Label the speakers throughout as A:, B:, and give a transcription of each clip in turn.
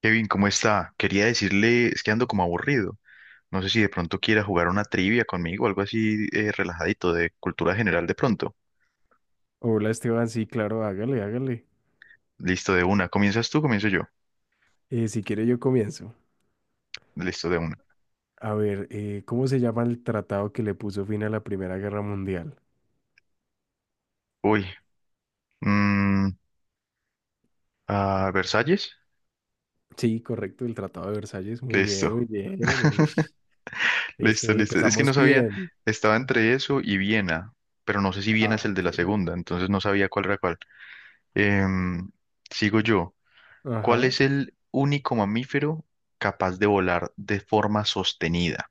A: Kevin, ¿cómo está? Quería decirle, es que ando como aburrido. No sé si de pronto quiera jugar una trivia conmigo, algo así relajadito, de cultura general de pronto.
B: Hola Esteban, sí, claro, hágale, hágale.
A: Listo, de una. ¿Comienzas tú? ¿Comienzo yo?
B: Si quiere yo comienzo.
A: Listo, de una.
B: A ver, ¿cómo se llama el tratado que le puso fin a la Primera Guerra Mundial?
A: Uy. Mm. ¿Versalles?
B: Sí, correcto, el Tratado de Versalles. Muy bien, muy
A: Listo.
B: bien. Ush. Eso,
A: Listo, listo. Es que no
B: empezamos
A: sabía,
B: bien.
A: estaba entre eso y Viena, pero no sé si Viena es
B: Ah,
A: el de
B: ok.
A: la segunda, entonces no sabía cuál era cuál. Em, sigo yo. ¿Cuál
B: Ajá.
A: es el único mamífero capaz de volar de forma sostenida?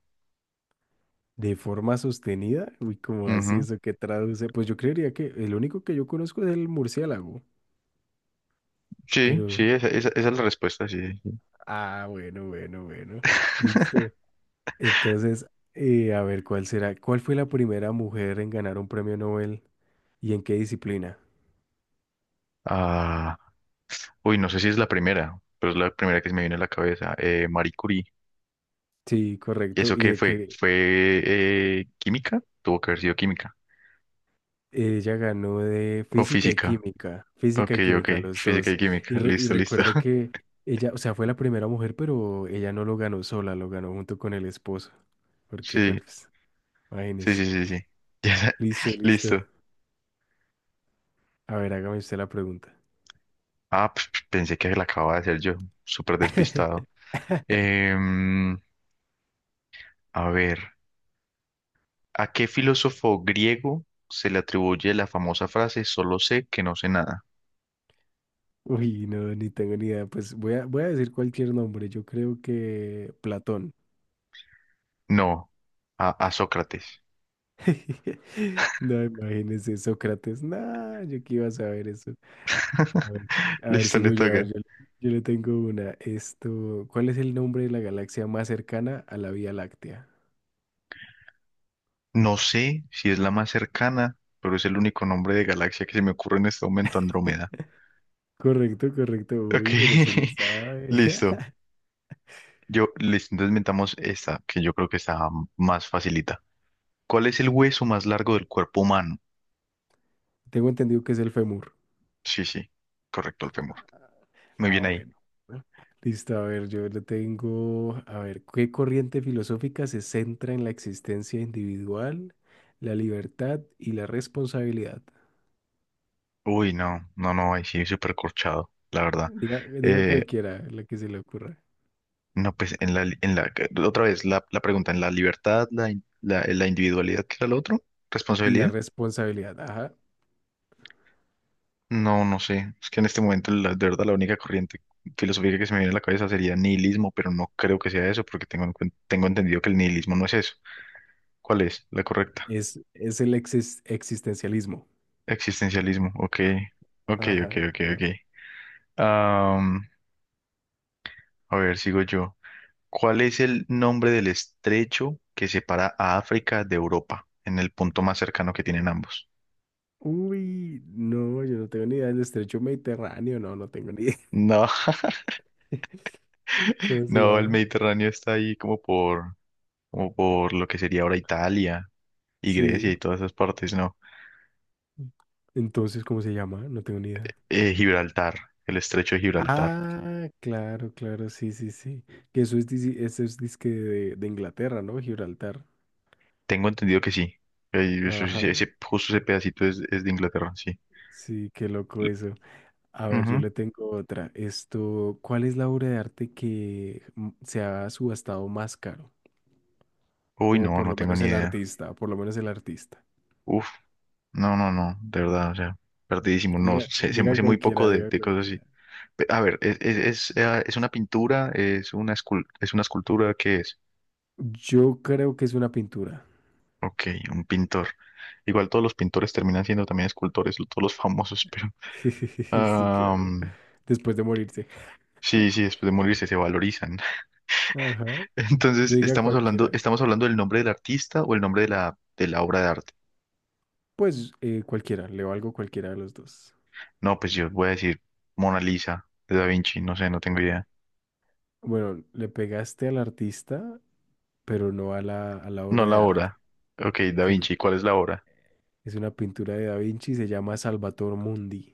B: De forma sostenida, uy, ¿como así
A: Ujú.
B: eso que traduce? Pues yo creería que el único que yo conozco es el murciélago,
A: Sí,
B: pero.
A: sí, esa es la respuesta, sí, sí, sí.
B: Ah, bueno, bueno, bueno, listo. Entonces, a ver, ¿cuál será? ¿Cuál fue la primera mujer en ganar un premio Nobel y en qué disciplina?
A: Ah, uy, no sé si es la primera, pero es la primera que se me viene a la cabeza. Marie Curie.
B: Sí, correcto,
A: ¿Eso
B: y
A: qué
B: de
A: fue?
B: que
A: ¿Fue química? Tuvo que haber sido química.
B: ella ganó de
A: ¿O física?
B: física
A: Ok,
B: y
A: ok.
B: química, los
A: Física y
B: dos. Y,
A: química.
B: re- y
A: Listo, listo.
B: recuerde que ella, o sea, fue la primera mujer, pero ella no lo ganó sola, lo ganó junto con el esposo, porque, bueno,
A: Sí,
B: pues.
A: sí, sí,
B: Imagínese.
A: sí, sí. Ya,
B: Listo, listo.
A: listo.
B: A ver, hágame usted la pregunta.
A: Ah, pues, pensé que la acababa de hacer yo. Súper despistado. Em, a ver. ¿A qué filósofo griego se le atribuye la famosa frase solo sé que no sé nada?
B: Uy, no, ni tengo ni idea. Pues voy a decir cualquier nombre. Yo creo que Platón.
A: No, a Sócrates.
B: No, imagínese, Sócrates. No, yo que iba a saber eso. A ver, a ver,
A: Listo, le
B: sigo yo. A ver,
A: toca.
B: yo le tengo una. Esto, ¿cuál es el nombre de la galaxia más cercana a la Vía Láctea?
A: No sé si es la más cercana, pero es el único nombre de galaxia que se me ocurre en este momento, Andrómeda.
B: Correcto, correcto.
A: Ok,
B: Uy, pero si le sabe.
A: listo. Yo, listo, entonces inventamos esta, que yo creo que está más facilita. ¿Cuál es el hueso más largo del cuerpo humano?
B: Tengo entendido que es el fémur.
A: Sí, sí, correcto, el fémur. Muy
B: Ah,
A: bien ahí.
B: bueno. ¿No? Listo, a ver, yo lo tengo. A ver, ¿qué corriente filosófica se centra en la existencia individual, la libertad y la responsabilidad?
A: Uy, no, no, no, ahí sí, súper corchado, la verdad.
B: Diga, diga
A: Eh,
B: cualquiera la que se le ocurra.
A: No, pues en la, otra vez, la pregunta, ¿en la libertad, la individualidad, qué era lo otro?
B: Y la
A: ¿Responsabilidad?
B: responsabilidad, ajá.
A: No, no sé. Es que en este momento, la, de verdad, la única corriente filosófica que se me viene a la cabeza sería nihilismo, pero no creo que sea eso, porque tengo entendido que el nihilismo no es eso. ¿Cuál es la correcta?
B: Es el existencialismo.
A: Existencialismo, ok. Ok, ok,
B: Ajá,
A: ok, ok.
B: ajá.
A: Am, a ver, sigo yo. ¿Cuál es el nombre del estrecho que separa a África de Europa en el punto más cercano que tienen ambos?
B: Uy, no, yo no tengo ni idea del estrecho Mediterráneo, no, no tengo ni idea.
A: No.
B: ¿Cómo se
A: No, el
B: llama?
A: Mediterráneo está ahí como por lo que sería ahora Italia y Grecia
B: Sí.
A: y todas esas partes, ¿no?
B: Entonces, ¿cómo se llama? No tengo ni idea.
A: Gibraltar, el estrecho de Gibraltar.
B: Ah, claro, claro, sí, sí, sí. Que eso es disque de Inglaterra, ¿no? Gibraltar.
A: Tengo entendido que sí. Sí,
B: Ajá.
A: Justo ese pedacito es de Inglaterra, sí.
B: Sí, qué loco
A: L-
B: eso. A ver, yo
A: ujú.
B: le tengo otra. Esto, ¿cuál es la obra de arte que se ha subastado más caro?
A: Uy,
B: O
A: no,
B: por
A: no
B: lo
A: tengo
B: menos
A: ni
B: el
A: idea.
B: artista, por lo menos el artista.
A: Uf, no, no, no, de verdad, o sea, perdidísimo. No,
B: Diga, diga
A: sé muy
B: cualquiera,
A: poco
B: diga
A: de cosas
B: cualquiera.
A: así. Pe- a ver, es una pintura, es una escultura, ¿qué es?
B: Yo creo que es una pintura.
A: Ok, un pintor. Igual todos los pintores terminan siendo también escultores, todos los famosos, pero
B: Sí, claro.
A: am,
B: Después de morirse.
A: sí, sí, después de morirse se valorizan.
B: Ajá.
A: Entonces,
B: Diga cualquiera.
A: estamos hablando del nombre del artista o el nombre de la obra de arte.
B: Pues cualquiera, leo algo cualquiera de los dos.
A: No, pues yo voy a decir Mona Lisa de Da Vinci, no sé, no tengo idea.
B: Bueno, le pegaste al artista, pero no a la
A: No,
B: obra de
A: la
B: arte.
A: obra. Ok, Da
B: Sí,
A: Vinci, ¿cuál es la obra?
B: es una pintura de Da Vinci, se llama Salvator Mundi.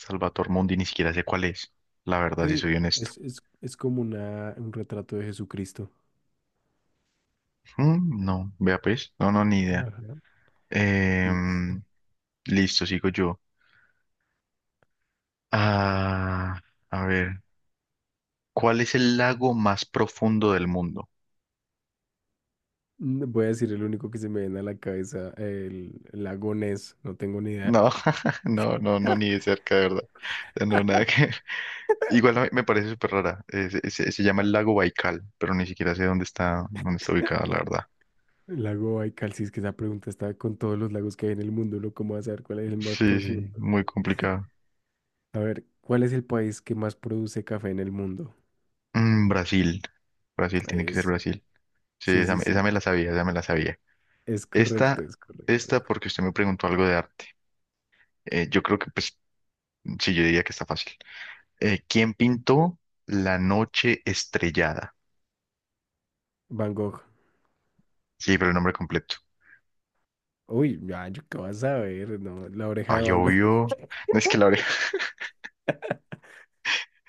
A: Salvator Mundi, ni siquiera sé cuál es. La verdad, si
B: Sí,
A: soy honesto.
B: es como un retrato de Jesucristo.
A: Mm, no, vea pues, no, no, ni idea.
B: Ajá. Listo.
A: Em, listo, sigo yo. Ah, a ver, ¿cuál es el lago más profundo del mundo?
B: Voy a decir el único que se me viene a la cabeza, el lago Ness, no tengo ni idea.
A: No, no, no, no, ni de cerca, de verdad. O sea, no, nada que ver. Igual a mí me parece súper rara. Se llama el lago Baikal, pero ni siquiera sé dónde está ubicado, la verdad.
B: El lago Baikal, si es que esa pregunta está con todos los lagos que hay en el mundo, ¿no? ¿Cómo vas a saber cuál es el más
A: Sí, sí,
B: profundo?
A: muy complicado.
B: A ver, ¿cuál es el país que más produce café en el mundo?
A: Mm, Brasil. Brasil, tiene que ser
B: Eso.
A: Brasil. Sí,
B: Sí, sí, sí.
A: esa me la sabía, esa me la sabía.
B: Es correcto,
A: Esta,
B: es correcto.
A: esta porque usted me preguntó algo de arte. Yo creo que, pues, sí, yo diría que está fácil. ¿Quién pintó La Noche Estrellada?
B: Van Gogh.
A: Sí, pero el nombre completo.
B: Uy, ya, yo qué vas a ver, no, la oreja de
A: Ay,
B: Van Gogh.
A: obvio. No es que la oreja.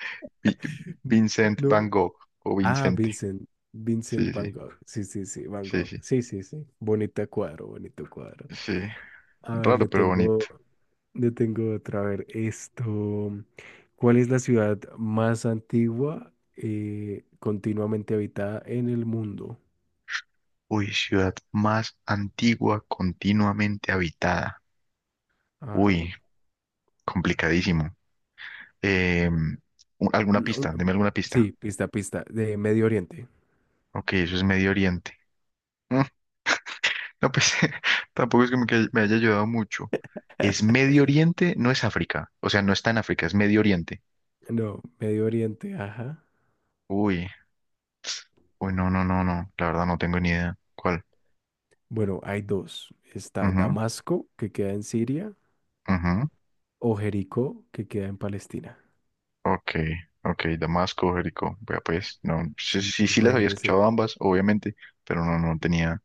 A: Vi- Vincent
B: No.
A: Van Gogh o
B: Ah,
A: Vincente.
B: Vincent. Vincent
A: Sí,
B: Van
A: sí,
B: Gogh. Sí, sí, sí, Van
A: sí,
B: Gogh.
A: sí,
B: Sí, sí, sí. Bonito cuadro, bonito cuadro.
A: sí.
B: A ver, le
A: Raro, pero bonito.
B: tengo, le tengo otra. A ver, esto. ¿Cuál es la ciudad más antigua continuamente habitada en el mundo?
A: Uy, ciudad más antigua continuamente habitada.
B: Ajá.
A: Uy, complicadísimo. Eh, ¿Alguna
B: Mm,
A: pista?
B: un-
A: Deme alguna pista.
B: Sí, pista, pista, de Medio Oriente.
A: Ok, eso es Medio Oriente. No, pues tampoco es como que me haya ayudado mucho. Es Medio Oriente, no es África. O sea, no está en África, es Medio Oriente.
B: No, Medio Oriente, ajá.
A: Uy, uy, no, no, no, no. La verdad no tengo ni idea. ¿Cuál?
B: Bueno, hay dos. Está
A: Ujú,
B: Damasco, que queda en Siria,
A: ujú.
B: o Jericó, que queda en Palestina.
A: Ok, ok, Damasco, Jericó. Vea, pues, no. Sí,
B: Sí,
A: sí, sí las había
B: imagínese.
A: escuchado ambas, obviamente, pero no, no tenía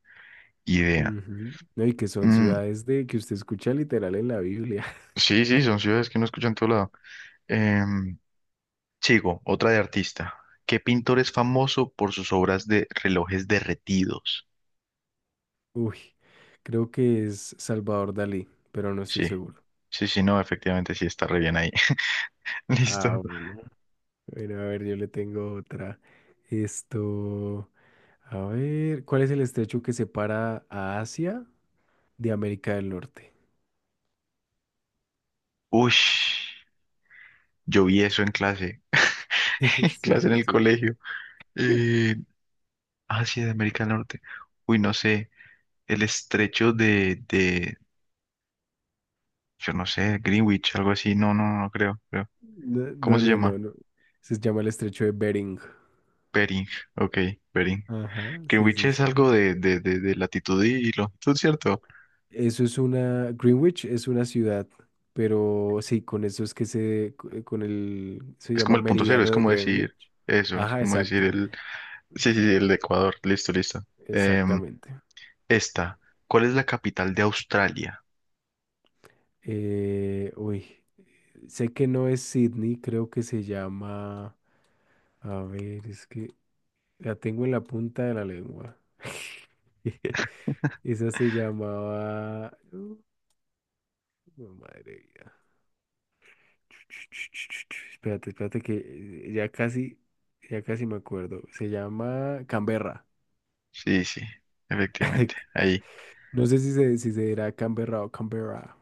A: idea.
B: Ujú. No, y que son
A: Mm,
B: ciudades de que usted escucha literal en la Biblia.
A: sí, sí, son ciudades que no escuchan en todo lado. Em, sigo, otra de artista. ¿Qué pintor es famoso por sus obras de relojes derretidos?
B: Uy, creo que es Salvador Dalí, pero no estoy
A: Sí,
B: seguro.
A: sí, sí, no, efectivamente sí está re bien ahí. Listo.
B: Ah, bueno. Bueno, a ver, yo le tengo otra. Esto, a ver, ¿cuál es el estrecho que separa a Asia de América del Norte?
A: Ush, yo vi eso en clase,
B: Sí,
A: en clase en el
B: sí,
A: colegio.
B: sí.
A: Eh, Asia de América del Norte. Uy, no sé, el estrecho de, yo no sé, Greenwich, algo así. No, no, no creo, creo.
B: No,
A: ¿Cómo
B: no,
A: se
B: no, no,
A: llama?
B: no. Se llama el estrecho de Bering.
A: Bering, ok, Bering.
B: Ajá, sí,
A: Greenwich
B: sí,
A: es
B: sí.
A: algo de latitud y longitud, ¿cierto?
B: Greenwich es una ciudad, pero sí, con eso es que se, co- con el, se
A: Es como
B: llama
A: el punto cero, es
B: Meridiano de
A: como decir
B: Greenwich.
A: eso, es
B: Ajá,
A: como decir
B: exacto,
A: el, sí, sí, sí, el de Ecuador, listo, listo. Em,
B: exactamente.
A: Esta, ¿cuál es la capital de Australia?
B: Uy, sé que no es Sydney, creo que se llama, a ver, es que la tengo en la punta de la lengua. Esa se llamaba, madre mía. Espérate, espérate que eh, ya casi, ya casi me acuerdo. Se llama Canberra.
A: Sí, sí, efectivamente. Ahí.
B: No sé si se dirá Canberra o Canberra.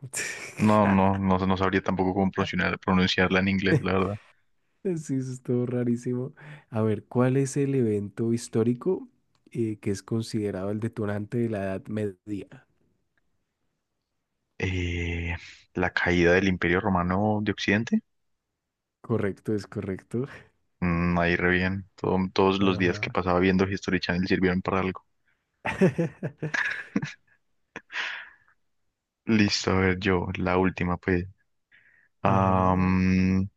A: No, no, no, no sabría tampoco cómo pronunciarla en inglés, la verdad.
B: Sí, eso estuvo rarísimo. A ver, ¿cuál es el evento histórico que es considerado el detonante de la Edad Media?
A: Eh, la caída del Imperio Romano de Occidente.
B: Correcto, es correcto.
A: Mm, ahí re bien. Todos los días
B: Ajá.
A: que pasaba viendo History Channel sirvieron para algo. Listo, a ver, yo, la última, pues.
B: Ajá.
A: Am,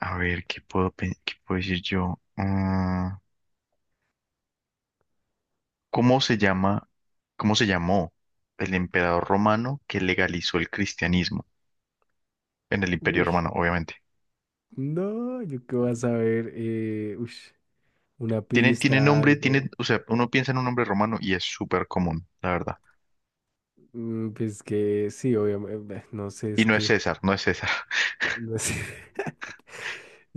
A: a ver, ¿qué puedo decir yo? Ah, ¿cómo se llama, ¿cómo se llamó el emperador romano que legalizó el cristianismo en el Imperio
B: Uy.
A: Romano, obviamente?
B: No, yo qué vas a ver. Ush, una
A: Tiene, tiene
B: pista,
A: nombre, tiene,
B: algo.
A: o sea, uno piensa en un nombre romano y es súper común, la verdad.
B: Pues que sí, obviamente, no sé,
A: Y
B: es
A: no es
B: que,
A: César, no es César.
B: no sé.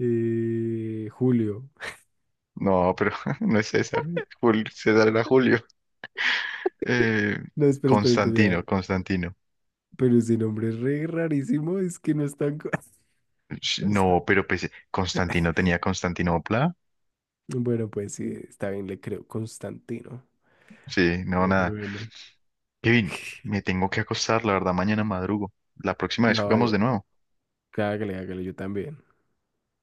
B: Julio.
A: No, pero no es César. Jul- César era Julio. Eh,
B: No, espera, espera, espera. A
A: Constantino,
B: ver.
A: Constantino.
B: Pero ese nombre es re rarísimo, es que no es tan
A: Sh- no,
B: constante.
A: pero pues Constantino tenía Constantinopla.
B: Bueno, pues sí, está bien, le creo Constantino.
A: Sí, no,
B: Bueno,
A: nada.
B: bueno.
A: Kevin, me tengo que acostar, la verdad, mañana madrugo. La próxima vez
B: No,
A: jugamos
B: ya,
A: de nuevo.
B: hágale, hágale, yo también.